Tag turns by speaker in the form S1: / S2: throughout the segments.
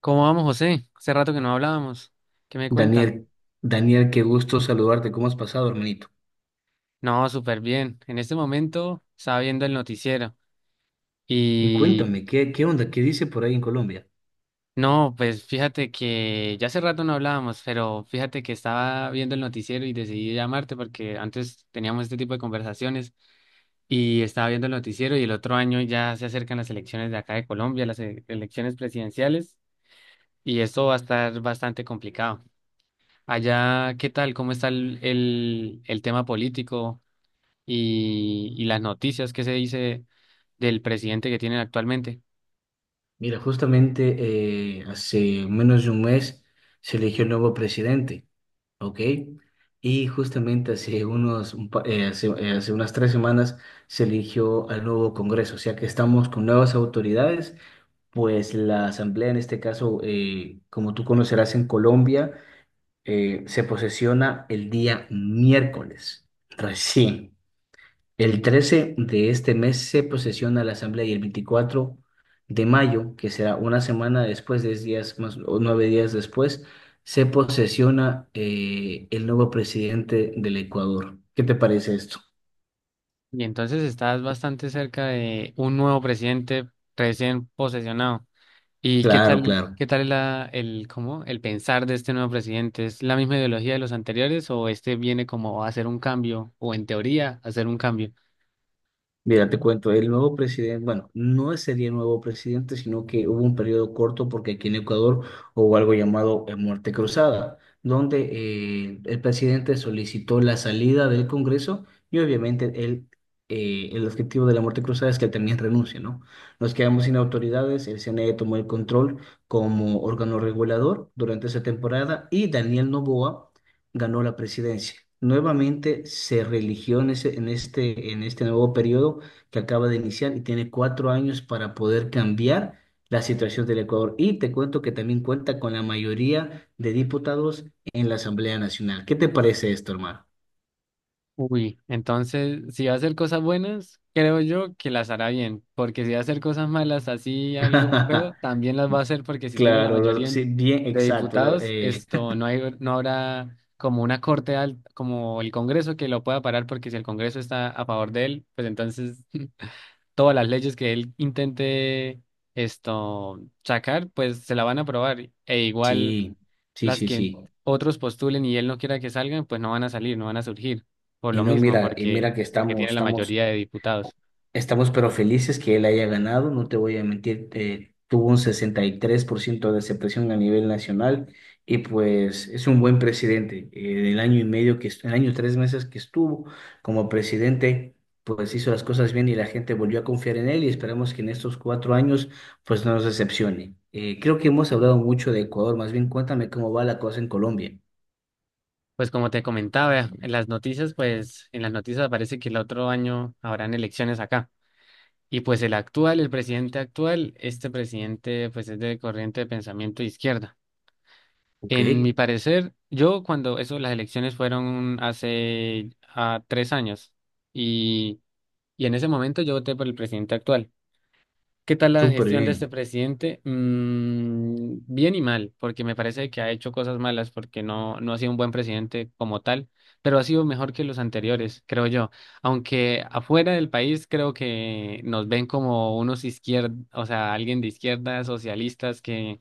S1: ¿Cómo vamos, José? Hace rato que no hablábamos. ¿Qué me cuenta?
S2: Daniel, Daniel, qué gusto saludarte. ¿Cómo has pasado, hermanito?
S1: No, súper bien. En este momento estaba viendo el noticiero,
S2: Y
S1: y
S2: cuéntame, ¿qué onda? ¿Qué dice por ahí en Colombia?
S1: no, pues fíjate que ya hace rato no hablábamos, pero fíjate que estaba viendo el noticiero y decidí llamarte porque antes teníamos este tipo de conversaciones y estaba viendo el noticiero y el otro año ya se acercan las elecciones de acá de Colombia, las elecciones presidenciales, y esto va a estar bastante complicado. Allá, ¿qué tal? ¿Cómo está el tema político? Y las noticias que se dice del presidente que tienen actualmente.
S2: Mira, justamente hace menos de un mes se eligió el nuevo presidente, ¿ok? Y justamente hace unos, un pa- hace, hace unas tres semanas se eligió al nuevo Congreso, o sea que estamos con nuevas autoridades, pues la Asamblea en este caso, como tú conocerás en Colombia, se posesiona el día miércoles, recién. El 13 de este mes se posesiona la asamblea y el 24 de mayo, que será una semana después, 10 días más o 9 días después, se posesiona el nuevo presidente del Ecuador. ¿Qué te parece esto?
S1: Y entonces estás bastante cerca de un nuevo presidente recién posesionado. ¿Y qué
S2: Claro,
S1: tal,
S2: claro.
S1: qué tal el pensar de este nuevo presidente? ¿Es la misma ideología de los anteriores o este viene como a hacer un cambio o en teoría a hacer un cambio?
S2: Mira, te cuento, el nuevo presidente, bueno, no sería el nuevo presidente, sino que hubo un periodo corto porque aquí en Ecuador hubo algo llamado muerte cruzada, donde el presidente solicitó la salida del Congreso y obviamente el objetivo de la muerte cruzada es que él también renuncie, ¿no? Nos quedamos sin autoridades, el CNE tomó el control como órgano regulador durante esa temporada y Daniel Noboa ganó la presidencia. Nuevamente se reeligió en en este nuevo periodo que acaba de iniciar y tiene 4 años para poder cambiar la situación del Ecuador. Y te cuento que también cuenta con la mayoría de diputados en la Asamblea Nacional. ¿Qué te parece esto, hermano?
S1: Uy, entonces, si va a hacer cosas buenas, creo yo que las hará bien, porque si va a hacer cosas malas, así algo feo, también las va a hacer porque si tiene la
S2: Claro,
S1: mayoría
S2: sí, bien,
S1: de
S2: exacto.
S1: diputados, esto no hay, no habrá como una corte alta, como el Congreso, que lo pueda parar, porque si el Congreso está a favor de él, pues entonces todas las leyes que él intente esto sacar, pues se la van a aprobar. E igual
S2: Sí, sí,
S1: las
S2: sí,
S1: que
S2: sí.
S1: otros postulen y él no quiera que salgan, pues no van a salir, no van a surgir, por
S2: Y
S1: lo
S2: no,
S1: mismo,
S2: mira, y
S1: porque,
S2: mira que
S1: porque
S2: estamos,
S1: tiene la
S2: estamos.
S1: mayoría de diputados.
S2: Estamos pero felices que él haya ganado, no te voy a mentir, tuvo un 63% de aceptación a nivel nacional y pues es un buen presidente. El año y tres meses que estuvo como presidente, pues hizo las cosas bien y la gente volvió a confiar en él y esperamos que en estos 4 años pues no nos decepcione. Creo que hemos hablado mucho de Ecuador, más bien cuéntame cómo va la cosa en Colombia.
S1: Pues como te comentaba, en las noticias, parece que el otro año habrán elecciones acá. Y pues el actual, el presidente actual, este presidente pues es de corriente de pensamiento de izquierda.
S2: Ok,
S1: En mi parecer, yo cuando eso, las elecciones fueron hace 3 años, y, y en ese momento yo voté por el presidente actual. ¿Qué tal la
S2: súper
S1: gestión de este
S2: bien.
S1: presidente? Bien y mal, porque me parece que ha hecho cosas malas, porque no, no ha sido un buen presidente como tal, pero ha sido mejor que los anteriores, creo yo. Aunque afuera del país creo que nos ven como unos izquierdos, o sea, alguien de izquierda, socialistas, que,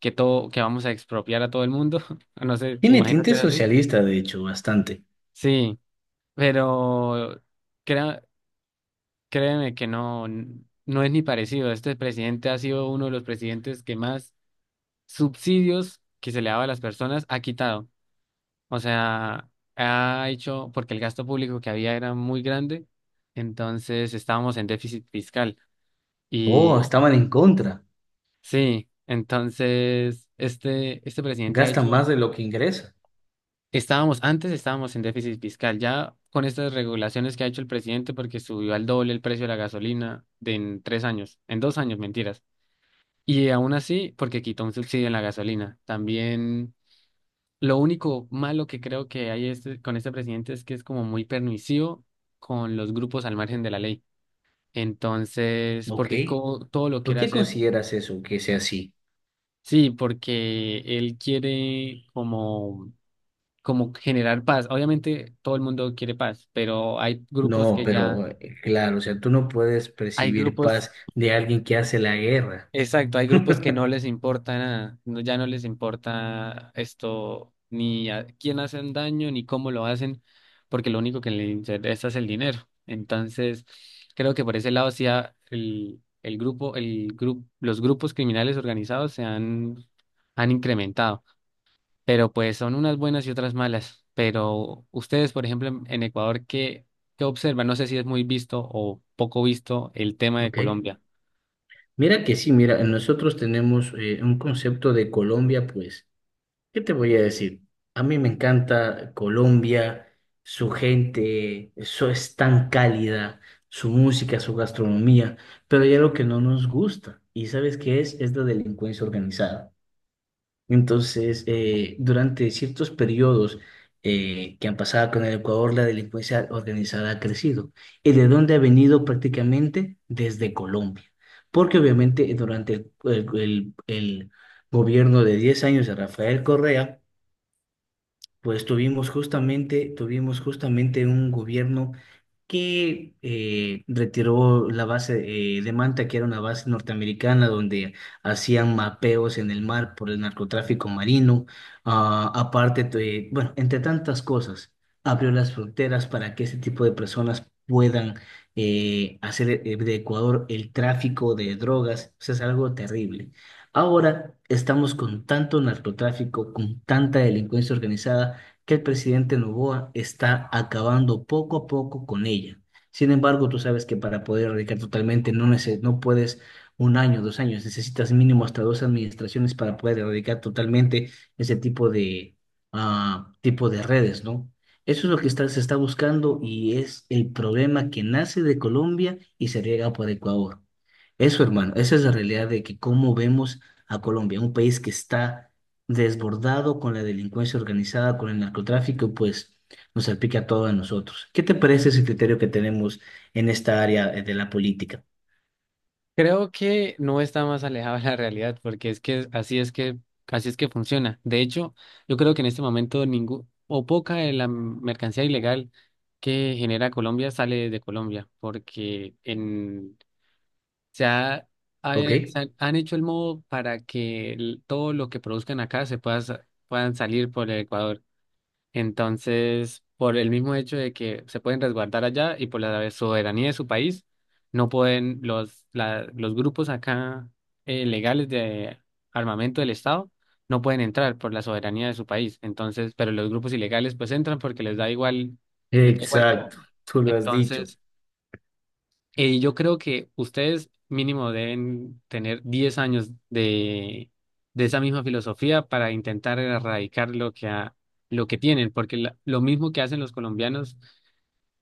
S1: que todo, que vamos a expropiar a todo el mundo. No sé,
S2: Tiene
S1: imagino que
S2: tinte
S1: es así.
S2: socialista, de hecho, bastante.
S1: Sí, pero crea- créeme que no es ni parecido. Este presidente ha sido uno de los presidentes que más subsidios que se le daba a las personas ha quitado. O sea, ha hecho, porque el gasto público que había era muy grande, entonces estábamos en déficit fiscal.
S2: Oh,
S1: Y
S2: estaban en contra.
S1: sí, entonces este presidente ha
S2: Gasta
S1: hecho,
S2: más de lo que ingresa.
S1: antes estábamos en déficit fiscal, ya con estas regulaciones que ha hecho el presidente, porque subió al doble el precio de la gasolina de en 3 años, en 2 años, mentiras. Y aún así, porque quitó un subsidio en la gasolina. También, lo único malo que creo que hay, con este presidente, es que es como muy permisivo con los grupos al margen de la ley. Entonces,
S2: Ok,
S1: porque todo lo
S2: ¿por
S1: quiere
S2: qué
S1: hacer,
S2: consideras eso que sea así?
S1: sí, porque él quiere como generar paz. Obviamente todo el mundo quiere paz, pero hay grupos
S2: No,
S1: que ya,
S2: pero claro, o sea, tú no puedes
S1: hay
S2: percibir
S1: grupos,
S2: paz de alguien que hace la guerra.
S1: exacto, hay grupos que no les importa nada, no, ya no les importa esto, ni a quién hacen daño, ni cómo lo hacen, porque lo único que les interesa es el dinero. Entonces, creo que por ese lado sí los grupos criminales organizados se han, incrementado, pero pues son unas buenas y otras malas. Pero ustedes, por ejemplo, en Ecuador, ¿qué, observan? No sé si es muy visto o poco visto el tema de
S2: Ok.
S1: Colombia.
S2: Mira que sí, mira, nosotros tenemos un concepto de Colombia, pues, ¿qué te voy a decir? A mí me encanta Colombia, su gente, eso es tan cálida, su música, su gastronomía, pero hay algo que no nos gusta, ¿y sabes qué es? Es la delincuencia organizada. Entonces, durante ciertos periodos que han pasado con el Ecuador, la delincuencia organizada ha crecido. ¿Y de dónde ha venido prácticamente? Desde Colombia. Porque obviamente durante el gobierno de 10 años de Rafael Correa, pues tuvimos justamente un gobierno que retiró la base de Manta, que era una base norteamericana donde hacían mapeos en el mar por el narcotráfico marino. Ah, aparte, bueno, entre tantas cosas, abrió las fronteras para que ese tipo de personas puedan hacer de Ecuador el tráfico de drogas. O sea, es algo terrible. Ahora estamos con tanto narcotráfico, con tanta delincuencia organizada, que el presidente Noboa está acabando poco a poco con ella. Sin embargo, tú sabes que para poder erradicar totalmente no, no puedes un año, dos años, necesitas mínimo hasta dos administraciones para poder erradicar totalmente ese tipo de redes, ¿no? Eso es lo que se está buscando y es el problema que nace de Colombia y se riega por Ecuador. Eso, hermano, esa es la realidad de que cómo vemos a Colombia, un país que está desbordado con la delincuencia organizada, con el narcotráfico, pues nos salpica a todos nosotros. ¿Qué te parece ese criterio que tenemos en esta área de la política?
S1: Creo que no está más alejado de la realidad, porque es que así es que funciona. De hecho, yo creo que en este momento ningún o poca de la mercancía ilegal que genera Colombia sale de Colombia, porque en se ha, ha-
S2: ¿Ok?
S1: se han han hecho el modo para que todo lo que produzcan acá puedan salir por el Ecuador. Entonces, por el mismo hecho de que se pueden resguardar allá y por la soberanía de su país, no pueden los grupos acá, legales, de armamento del Estado, no pueden entrar por la soberanía de su país. Entonces, pero los grupos ilegales pues entran porque les da igual todo.
S2: Exacto, tú lo has dicho.
S1: Entonces, yo creo que ustedes mínimo deben tener 10 años de esa misma filosofía para intentar erradicar lo que tienen, porque lo mismo que hacen los colombianos,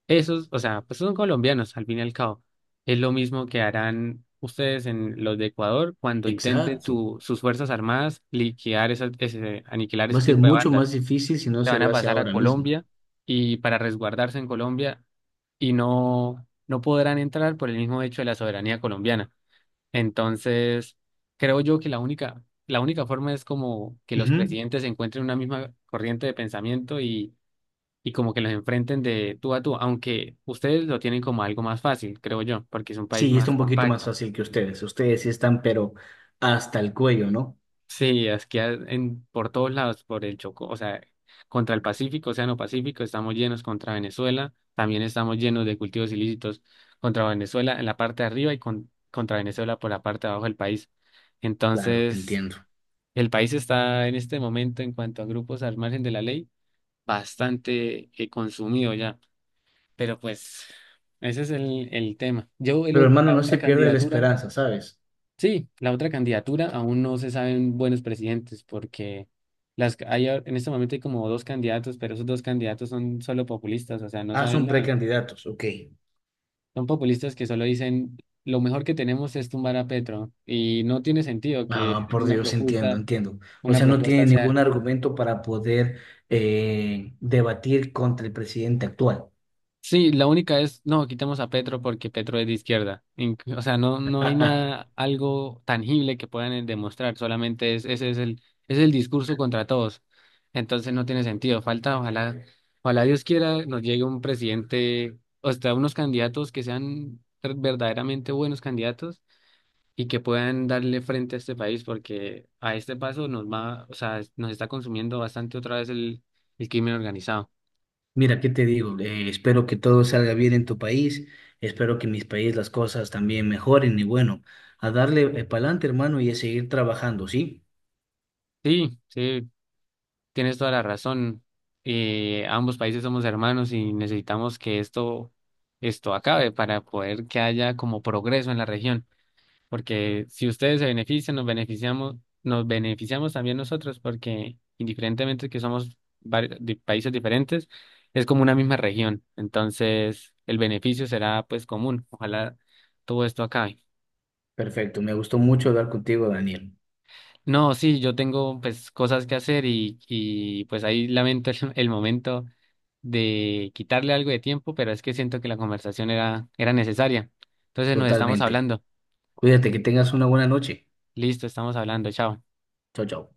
S1: esos, o sea, pues son colombianos al fin y al cabo, es lo mismo que harán ustedes en los de Ecuador cuando intenten
S2: Exacto.
S1: sus fuerzas armadas liquidar aniquilar
S2: Va a
S1: ese
S2: ser
S1: tipo de
S2: mucho más
S1: bandas,
S2: difícil si no
S1: se
S2: se
S1: van
S2: lo
S1: a
S2: hace
S1: pasar a
S2: ahora mismo.
S1: Colombia y para resguardarse en Colombia, y no, no podrán entrar por el mismo hecho de la soberanía colombiana. Entonces, creo yo que la única forma es como que los
S2: Ujú.
S1: presidentes encuentren una misma corriente de pensamiento, y como que los enfrenten de tú a tú, aunque ustedes lo tienen como algo más fácil, creo yo, porque es un país
S2: Sí, está
S1: más
S2: un poquito más
S1: compacto.
S2: fácil que ustedes. Ustedes sí están, pero hasta el cuello, ¿no?
S1: Sí, aquí por todos lados, por el Chocó, o sea, contra el Pacífico, Océano Pacífico, estamos llenos contra Venezuela, también estamos llenos de cultivos ilícitos contra Venezuela en la parte de arriba y contra Venezuela por la parte de abajo del país.
S2: Claro, te
S1: Entonces,
S2: entiendo.
S1: el país está en este momento, en cuanto a grupos al margen de la ley, bastante consumido ya, pero pues ese es el tema.
S2: Pero hermano,
S1: La
S2: no
S1: otra
S2: se pierde la
S1: candidatura.
S2: esperanza, ¿sabes?
S1: Sí, la otra candidatura aún no se saben buenos presidentes porque en este momento hay como dos candidatos, pero esos dos candidatos son solo populistas, o sea, no
S2: Ah,
S1: saben
S2: son
S1: nada.
S2: precandidatos, ok.
S1: Son populistas que solo dicen lo mejor que tenemos es tumbar a Petro, y no tiene sentido que
S2: Ah, por
S1: una
S2: Dios, entiendo,
S1: propuesta,
S2: entiendo. O
S1: una
S2: sea, no tiene
S1: propuesta sea...
S2: ningún argumento para poder debatir contra el presidente actual.
S1: Sí, la única es, no, quitemos a Petro porque Petro es de izquierda. O sea, no, no hay nada, algo tangible que puedan demostrar, ese es el discurso contra todos. Entonces no tiene sentido. Falta, ojalá, ojalá Dios quiera, nos llegue un presidente, o sea, unos candidatos que sean verdaderamente buenos candidatos y que puedan darle frente a este país, porque a este paso nos va, o sea, nos está consumiendo bastante otra vez el crimen organizado.
S2: Mira, ¿qué te digo? Espero que todo salga bien en tu país. Espero que en mis países las cosas también mejoren. Y bueno, a darle para adelante, hermano, y a seguir trabajando, ¿sí?
S1: Sí, sí. Tienes toda la razón. Ambos países somos hermanos y necesitamos que esto acabe para poder que haya como progreso en la región. Porque si ustedes se benefician, nos beneficiamos, también nosotros, porque indiferentemente que somos de países diferentes, es como una misma región. Entonces, el beneficio será pues común. Ojalá todo esto acabe.
S2: Perfecto. Me gustó mucho hablar contigo, Daniel.
S1: No, sí, yo tengo pues cosas que hacer, y pues ahí lamento el, el momento de quitarle algo de tiempo, pero es que siento que la conversación era necesaria. Entonces nos estamos
S2: Totalmente.
S1: hablando.
S2: Cuídate, que tengas una buena noche.
S1: Listo, estamos hablando. Chao.
S2: Chao, chao.